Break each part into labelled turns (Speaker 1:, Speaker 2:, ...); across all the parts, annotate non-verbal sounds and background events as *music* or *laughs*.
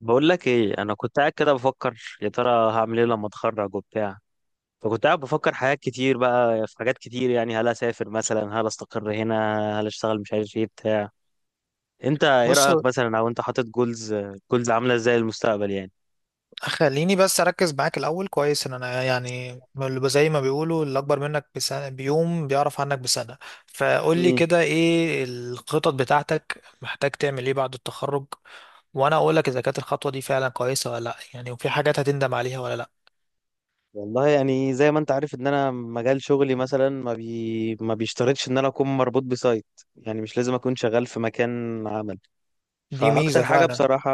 Speaker 1: بقول لك ايه، انا كنت قاعد كده بفكر يا ترى هعمل ايه لما اتخرج وبتاع. فكنت قاعد بفكر حاجات كتير، بقى في حاجات كتير، يعني هل اسافر مثلا، هل استقر هنا، هل اشتغل، مش عارف ايه بتاع. انت ايه
Speaker 2: بص،
Speaker 1: رايك مثلا؟ او انت حاطط جولز؟ جولز عامله ازاي للمستقبل يعني؟
Speaker 2: خليني بس اركز معاك الاول كويس ان انا يعني اللي زي ما بيقولوا اللي اكبر منك بسنة بيوم بيعرف عنك بسنة. فقول لي
Speaker 1: امم
Speaker 2: كده ايه الخطط بتاعتك؟ محتاج تعمل ايه بعد التخرج؟ وانا اقول لك اذا كانت الخطوة دي فعلا كويسة ولا لا، يعني، وفي حاجات هتندم عليها ولا لا.
Speaker 1: والله، يعني زي ما انت عارف ان انا مجال شغلي مثلا ما بيشترطش ان انا اكون مربوط بسايت. يعني مش لازم اكون شغال في مكان عمل.
Speaker 2: دي ميزة
Speaker 1: فاكتر حاجه
Speaker 2: فعلا.
Speaker 1: بصراحه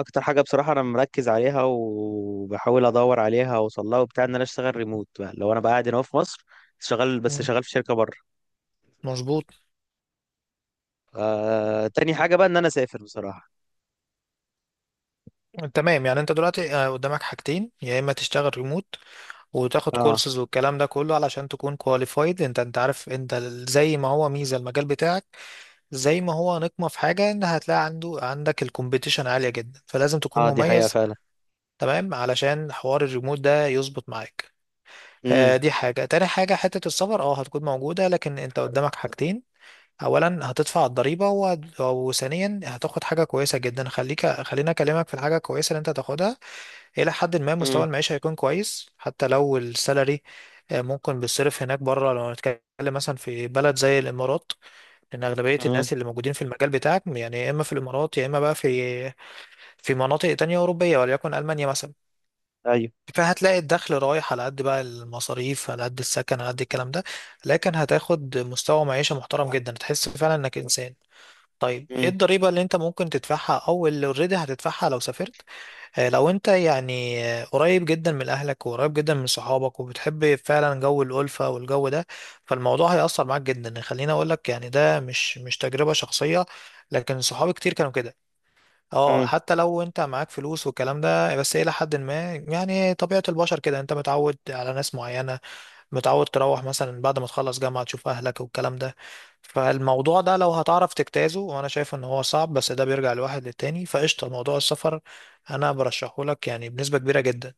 Speaker 1: اكتر حاجه بصراحه انا مركز عليها، وبحاول ادور عليها واوصل لها وبتاع، ان انا اشتغل ريموت، بقى لو انا بقى قاعد هنا في مصر شغال، بس
Speaker 2: مم.
Speaker 1: شغال في شركه بره.
Speaker 2: مظبوط.
Speaker 1: تاني حاجه بقى ان انا اسافر بصراحه.
Speaker 2: تمام، يعني انت دلوقتي قدامك حاجتين: يا اما تشتغل ريموت وتاخد
Speaker 1: اه.
Speaker 2: كورسز والكلام ده كله علشان تكون كواليفايد. انت عارف انت زي ما هو ميزة المجال بتاعك، زي ما هو نقمة في حاجة ان هتلاقي عندك الكومبيتيشن عالية جدا فلازم تكون
Speaker 1: اه، دي حقيقه
Speaker 2: مميز.
Speaker 1: فعلا.
Speaker 2: تمام، علشان حوار الريموت ده يظبط معاك.
Speaker 1: امم
Speaker 2: دي حاجة، تاني حاجة حتة السفر هتكون موجودة، لكن انت قدامك حاجتين: اولا هتدفع الضريبة وثانيا هتاخد حاجة كويسة جدا. خليني اكلمك في الحاجة الكويسة اللي انت هتاخدها. الى حد ما مستوى
Speaker 1: امم
Speaker 2: المعيشة هيكون كويس حتى لو السالري ممكن بيصرف هناك بره لو هنتكلم مثلا في بلد زي الامارات، لان اغلبيه
Speaker 1: امم
Speaker 2: الناس اللي موجودين في المجال بتاعك يعني يا اما في الامارات يا اما بقى في مناطق تانية اوروبيه وليكن المانيا مثلا.
Speaker 1: ايوه.
Speaker 2: فهتلاقي الدخل رايح على قد، بقى المصاريف على قد، السكن على قد الكلام ده، لكن هتاخد مستوى معيشه محترم جدا، تحس فعلا انك انسان. طيب ايه
Speaker 1: امم
Speaker 2: الضريبه اللي انت ممكن تدفعها او اللي اوريدي هتدفعها لو سافرت؟ لو انت يعني قريب جدا من اهلك وقريب جدا من صحابك وبتحب فعلا جو الالفه والجو ده، فالموضوع هيأثر معاك جدا. خليني اقول لك، يعني، ده مش تجربه شخصيه، لكن صحابي كتير كانوا كده. اه
Speaker 1: امم
Speaker 2: حتى لو انت معاك فلوس والكلام ده، بس الى حد ما يعني طبيعه البشر كده، انت متعود على ناس معينه، متعود تروح مثلا بعد ما تخلص جامعة تشوف أهلك والكلام ده. فالموضوع ده لو هتعرف تجتازه، وأنا شايف إن هو صعب بس ده بيرجع لواحد للتاني، فقشطة. موضوع السفر أنا برشحه لك يعني بنسبة كبيرة جدا.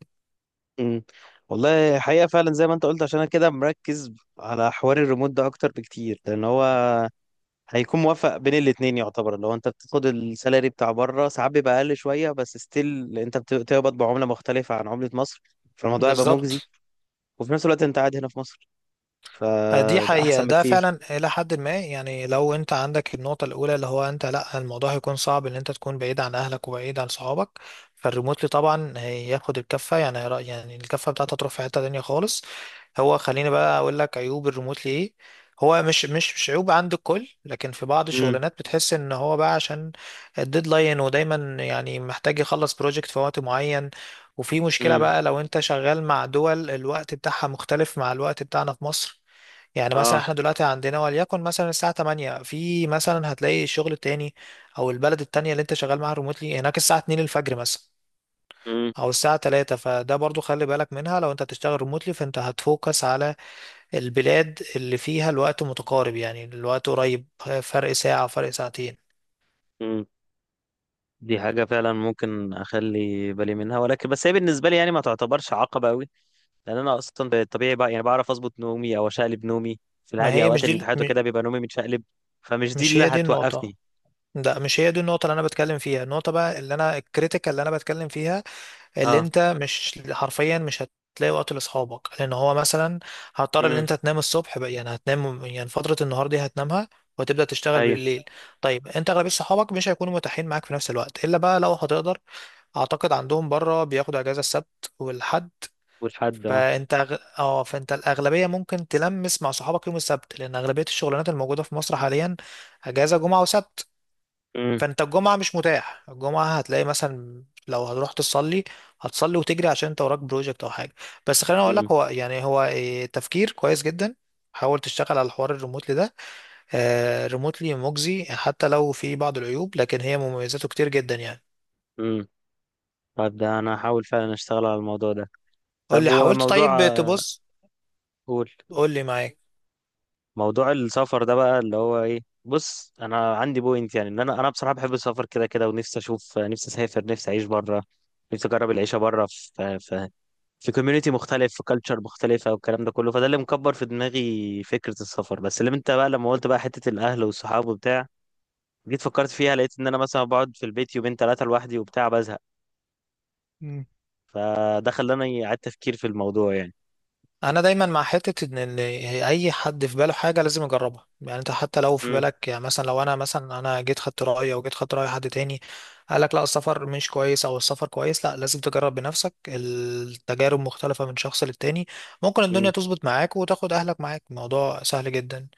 Speaker 1: امم والله حقيقه فعلا زي ما انت قلت، عشان انا كده مركز على حوار الريموت ده اكتر بكتير، لان هو هيكون موافق بين الاتنين. يعتبر لو انت بتاخد السالري بتاع بره ساعات بيبقى اقل شويه، بس ستيل انت بتقبض بعمله مختلفه عن عمله مصر، فالموضوع هيبقى مجزي.
Speaker 2: بالظبط.
Speaker 1: وفي نفس الوقت انت قاعد هنا في مصر،
Speaker 2: دي
Speaker 1: فده
Speaker 2: حقيقة،
Speaker 1: احسن
Speaker 2: ده
Speaker 1: بكتير.
Speaker 2: فعلا إلى حد ما، يعني، لو أنت عندك النقطة الأولى اللي هو أنت لأ، الموضوع هيكون صعب إن أنت تكون بعيد عن أهلك وبعيد عن صحابك، فالريموتلي طبعا هياخد الكفة، يعني يعني الكفة بتاعته تروح في حتة تانية خالص. هو خليني بقى أقول لك عيوب الريموتلي إيه. هو مش عيوب عند الكل، لكن في بعض
Speaker 1: امم
Speaker 2: الشغلانات بتحس إن هو بقى، عشان الديدلاين، ودايما يعني محتاج يخلص بروجكت في وقت معين، وفي مشكلة
Speaker 1: امم
Speaker 2: بقى لو أنت شغال مع دول الوقت بتاعها مختلف مع الوقت بتاعنا في مصر. يعني مثلا
Speaker 1: اه.
Speaker 2: احنا دلوقتي عندنا وليكن مثلا الساعة 8، في مثلا هتلاقي الشغل التاني او البلد التانية اللي انت شغال معاها ريموتلي هناك الساعة 2 الفجر مثلا
Speaker 1: امم
Speaker 2: او الساعة 3، فده برضو خلي بالك منها. لو انت هتشتغل ريموتلي، فانت هتفوكس على البلاد اللي فيها الوقت متقارب، يعني الوقت قريب، فرق ساعة فرق ساعتين.
Speaker 1: امم دي حاجة فعلا ممكن أخلي بالي منها، ولكن بس هي بالنسبة لي يعني ما تعتبرش عقبة أوي، لأن أنا أصلا بالطبيعي بقى يعني بعرف أظبط نومي أو أشقلب نومي. في
Speaker 2: ما
Speaker 1: العادي
Speaker 2: هي
Speaker 1: أوقات
Speaker 2: مش دي
Speaker 1: الامتحانات
Speaker 2: م-
Speaker 1: وكده بيبقى نومي متشقلب، فمش دي
Speaker 2: مش
Speaker 1: اللي
Speaker 2: هي دي النقطة.
Speaker 1: هتوقفني.
Speaker 2: ده مش هي دي النقطة اللي أنا بتكلم فيها. النقطة بقى، اللي أنا، الكريتيكال اللي أنا بتكلم فيها، اللي
Speaker 1: اه.
Speaker 2: انت مش حرفيا مش هتلاقي وقت لاصحابك، لان هو مثلا هضطر ان
Speaker 1: امم
Speaker 2: انت تنام الصبح بقى، يعني هتنام، يعني فترة النهار دي هتنامها وتبدأ تشتغل
Speaker 1: أيوه.
Speaker 2: بالليل. طيب، انت اغلبية صحابك مش هيكونوا متاحين معاك في نفس الوقت الا بقى لو هتقدر، اعتقد عندهم بره بياخدوا اجازة السبت والحد،
Speaker 1: والحد آه.
Speaker 2: فانت أغ- اه فانت الاغلبيه ممكن تلمس مع صحابك يوم السبت، لان اغلبيه الشغلانات الموجوده في مصر حاليا اجازه جمعه وسبت.
Speaker 1: امم
Speaker 2: فانت الجمعة مش متاح، الجمعة هتلاقي مثلا لو هتروح تصلي، هتصلي وتجري عشان انت وراك بروجكت او حاجة. بس خليني اقول
Speaker 1: امم
Speaker 2: لك، هو يعني هو تفكير كويس جدا. حاول تشتغل على الحوار الريموتلي ده. ريموتلي مجزي حتى لو في بعض العيوب، لكن هي مميزاته كتير جدا يعني.
Speaker 1: امم طب ده انا هحاول فعلا اشتغل على الموضوع ده.
Speaker 2: قول
Speaker 1: طب
Speaker 2: لي
Speaker 1: هو
Speaker 2: حاولت. طيب،
Speaker 1: موضوع.
Speaker 2: تبص،
Speaker 1: قول.
Speaker 2: قول لي معاك.
Speaker 1: موضوع السفر ده بقى اللي هو ايه، بص انا عندي بوينت، يعني ان انا بصراحه بحب السفر كده كده، ونفسي اشوف نفسي اسافر، نفسي اعيش بره، نفسي اجرب العيشه بره، في كوميونتي مختلف، في كالتشر مختلفه والكلام ده كله. فده اللي مكبر في دماغي فكره السفر. بس اللي انت بقى لما قلت بقى حته الاهل والصحاب وبتاع، جيت فكرت فيها، لقيت ان انا مثلا بقعد في البيت يومين ثلاثه لوحدي وبتاع بزهق، فده خلاني اعيد تفكير في الموضوع يعني.
Speaker 2: انا دايما مع حته ان اي حد في باله حاجه لازم يجربها. يعني انت حتى لو في
Speaker 1: مم.
Speaker 2: بالك، يعني، مثلا لو انا مثلا انا جيت خدت رايي او جيت خدت راي حد تاني قال لك لا السفر مش كويس او السفر كويس، لا لازم تجرب بنفسك. التجارب مختلفه من شخص للتاني. ممكن الدنيا
Speaker 1: مم.
Speaker 2: تظبط معاك وتاخد اهلك معاك، الموضوع سهل جدا.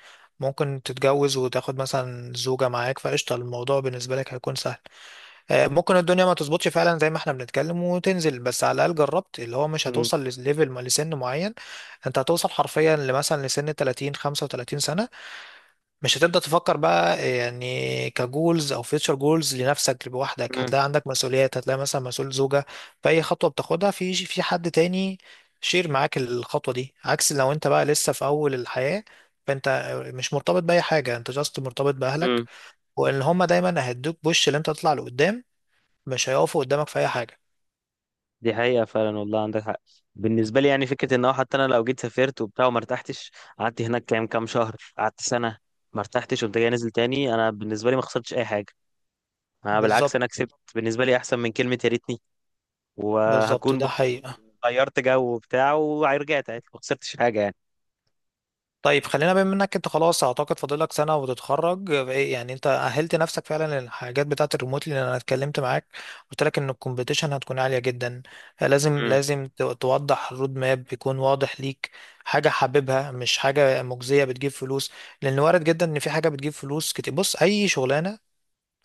Speaker 2: ممكن تتجوز وتاخد مثلا زوجه معاك فقشطه، الموضوع بالنسبه لك هيكون سهل. ممكن الدنيا ما تظبطش فعلا زي ما احنا بنتكلم وتنزل، بس على الاقل جربت. اللي هو مش
Speaker 1: مم.
Speaker 2: هتوصل لليفل لسن معين. انت هتوصل حرفيا لمثلا لسن 30 35 سنه، مش هتبدا تفكر بقى يعني كجولز او فيوتشر جولز لنفسك لوحدك.
Speaker 1: مم.
Speaker 2: هتلاقي عندك مسؤوليات، هتلاقي مثلا مسؤول زوجه، فاي خطوه بتاخدها في حد تاني شير معاك الخطوه دي. عكس لو انت بقى لسه في اول الحياه، فانت مش مرتبط باي حاجه، انت جاست مرتبط باهلك،
Speaker 1: مم.
Speaker 2: وان هما دايما هيدوك بوش اللي انت تطلع لقدام، مش هيقفوا قدامك في اي حاجه.
Speaker 1: دي حقيقة فعلا، والله عندك حق. بالنسبة لي يعني فكرة ان هو حتى انا لو جيت سافرت وبتاع وما ارتحتش، قعدت هناك كام كام شهر، قعدت سنة، ما ارتحتش وانت جاي نازل تاني، انا بالنسبة لي ما خسرتش اي حاجة. انا بالعكس
Speaker 2: بالظبط.
Speaker 1: انا كسبت، بالنسبة لي احسن من كلمة يا ريتني.
Speaker 2: بالظبط،
Speaker 1: وهكون
Speaker 2: ده
Speaker 1: برضه
Speaker 2: حقيقه.
Speaker 1: غيرت جو وبتاع ورجعت عادي، ما خسرتش حاجة يعني.
Speaker 2: طيب، خلينا بما انك انت خلاص اعتقد فاضلك سنه وتتخرج، إيه يعني انت اهلت نفسك فعلا للحاجات بتاعه الريموتلي؟ لان انا اتكلمت معاك، قلت لك ان الكومبيتيشن هتكون عاليه جدا، لازم
Speaker 1: مم.
Speaker 2: لازم توضح الرود ماب يكون واضح ليك، حاجه حاببها مش حاجه مجزيه بتجيب فلوس، لان وارد جدا ان في حاجه بتجيب فلوس كتير. بص، اي شغلانه،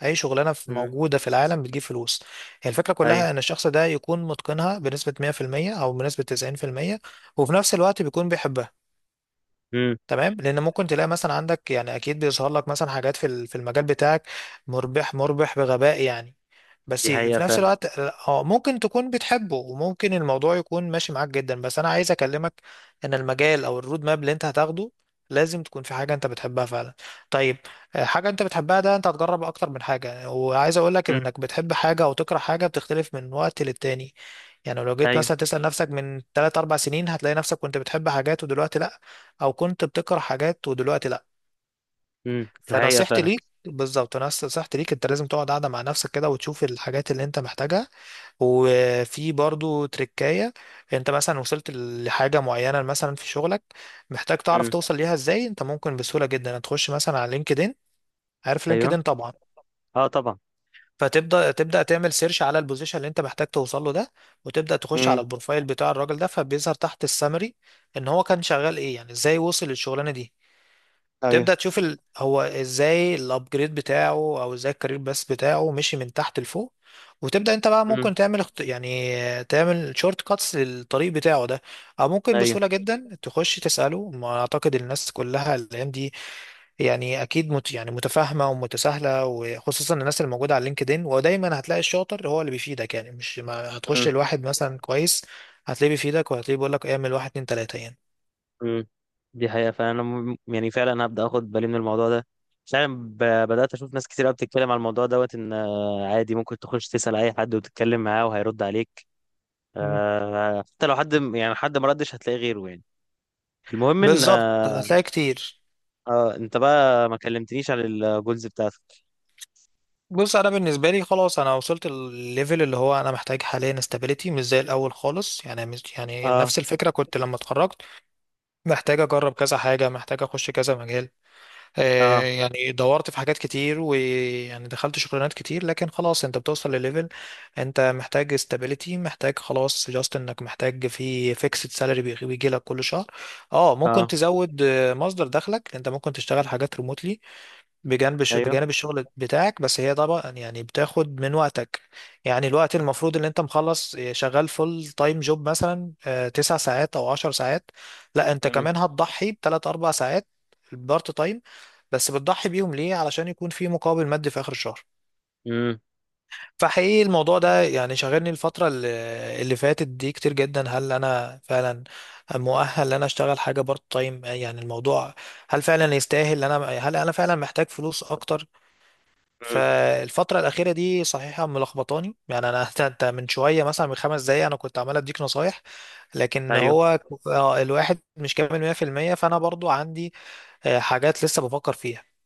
Speaker 2: اي شغلانه في
Speaker 1: مم.
Speaker 2: موجوده في العالم بتجيب فلوس، هي الفكره
Speaker 1: ايوه.
Speaker 2: كلها ان الشخص ده يكون متقنها بنسبه 100% او بنسبه 90%، وفي نفس الوقت بيكون بيحبها.
Speaker 1: مم.
Speaker 2: تمام، لان ممكن تلاقي مثلا عندك، يعني، اكيد بيظهر لك مثلا حاجات في في المجال بتاعك مربح مربح بغباء يعني، بس
Speaker 1: دي حقيقة
Speaker 2: في نفس
Speaker 1: فعلا.
Speaker 2: الوقت اه ممكن تكون بتحبه وممكن الموضوع يكون ماشي معاك جدا. بس انا عايز اكلمك ان المجال او الرود ماب اللي انت هتاخده لازم تكون في حاجة انت بتحبها فعلا. طيب، حاجة انت بتحبها، ده انت هتجرب اكتر من حاجة. وعايز اقولك ان
Speaker 1: مم.
Speaker 2: انك بتحب حاجة او تكره حاجة بتختلف من وقت للتاني. يعني لو جيت
Speaker 1: ايوه.
Speaker 2: مثلا تسأل نفسك من 3 4 سنين هتلاقي نفسك كنت بتحب حاجات ودلوقتي لا، او كنت بتكره حاجات ودلوقتي لا.
Speaker 1: مم. دي حقيقة
Speaker 2: فنصيحتي
Speaker 1: فعلا.
Speaker 2: ليك بالظبط، نصيحتي ليك انت لازم تقعد قاعدة مع نفسك كده وتشوف الحاجات اللي انت محتاجها. وفي برضو تركاية، انت مثلا وصلت لحاجة معينة مثلا في شغلك، محتاج تعرف
Speaker 1: مم.
Speaker 2: توصل ليها ازاي، انت ممكن بسهولة جدا تخش مثلا على لينكدين. عارف
Speaker 1: ايوه.
Speaker 2: لينكدين طبعا.
Speaker 1: اه طبعا.
Speaker 2: فتبدا تعمل سيرش على البوزيشن اللي انت محتاج توصل له ده، وتبدا تخش
Speaker 1: امم
Speaker 2: على البروفايل بتاع الراجل ده، فبيظهر تحت السامري ان هو كان شغال ايه يعني، ازاي وصل للشغلانة دي.
Speaker 1: ايوه.
Speaker 2: تبدأ تشوف هو ازاي الابجريد بتاعه او ازاي الكارير بس بتاعه مشي من تحت لفوق. وتبدأ انت بقى
Speaker 1: مم.
Speaker 2: ممكن تعمل يعني تعمل شورت كاتس للطريق بتاعه ده، او ممكن
Speaker 1: ايوه.
Speaker 2: بسهولة جدا تخش تسأله. ما اعتقد الناس كلها الايام دي، يعني اكيد يعني متفاهمة ومتساهلة، وخصوصا الناس اللي موجودة على لينكدين، ودايما هتلاقي الشاطر هو اللي بيفيدك، يعني مش ما هتخش
Speaker 1: مم.
Speaker 2: لواحد مثلا كويس هتلاقيه بيفيدك وهتلاقيه بيقول لك اعمل واحد اتنين تلاتة يعني.
Speaker 1: مم. دي حقيقة، فأنا يعني فعلا هبدأ أخد بالي من الموضوع ده. فعلا بدأت أشوف ناس كتير قوي بتتكلم على الموضوع دوت، إن عادي ممكن تخش تسأل أي حد وتتكلم معاه وهيرد عليك.
Speaker 2: مم.
Speaker 1: حتى لو حد يعني حد ما ردش هتلاقي غيره يعني. المهم إن
Speaker 2: بالظبط،
Speaker 1: آه،
Speaker 2: هتلاقي كتير.
Speaker 1: آه، أنت بقى ما كلمتنيش عن الجولز بتاعتك؟
Speaker 2: بص، انا بالنسبه لي خلاص انا وصلت الليفل اللي هو انا محتاج حاليا استابيليتي، مش زي الاول خالص يعني، مش يعني
Speaker 1: اه.
Speaker 2: نفس الفكره كنت لما اتخرجت محتاج اجرب كذا حاجه، محتاج اخش كذا مجال.
Speaker 1: اه.
Speaker 2: يعني دورت في حاجات كتير ويعني دخلت شغلانات كتير، لكن خلاص انت بتوصل لليفل انت محتاج استابيليتي، محتاج خلاص جاست انك محتاج في فيكسد سالري بيجي لك كل شهر. اه ممكن
Speaker 1: اه.
Speaker 2: تزود مصدر دخلك، انت ممكن تشتغل حاجات ريموتلي
Speaker 1: أيوه.
Speaker 2: بجانب الشغل بتاعك، بس هي طبعا يعني بتاخد من وقتك. يعني الوقت المفروض ان انت مخلص شغال فول تايم جوب مثلا 9 ساعات او 10 ساعات، لا انت
Speaker 1: مم.
Speaker 2: كمان هتضحي بتلات اربع ساعات بارت تايم. بس بتضحي بيهم ليه؟ علشان يكون في مقابل مادي في اخر الشهر.
Speaker 1: مم.
Speaker 2: فحقيقي الموضوع ده يعني شاغلني الفترة اللي فاتت دي كتير جدا: هل انا فعلا مؤهل ان انا اشتغل حاجة بارت تايم؟ يعني الموضوع، هل فعلا يستاهل ان انا، هل انا فعلا محتاج فلوس اكتر؟
Speaker 1: مم.
Speaker 2: فالفترة الأخيرة دي صحيحة ملخبطاني يعني أنا *laughs* أنت من شوية مثلا من 5 دقايق أنا كنت عمال أديك نصايح، لكن
Speaker 1: أيوه.
Speaker 2: هو الواحد مش كامل 100%، فأنا برضو عندي حاجات لسه بفكر فيها.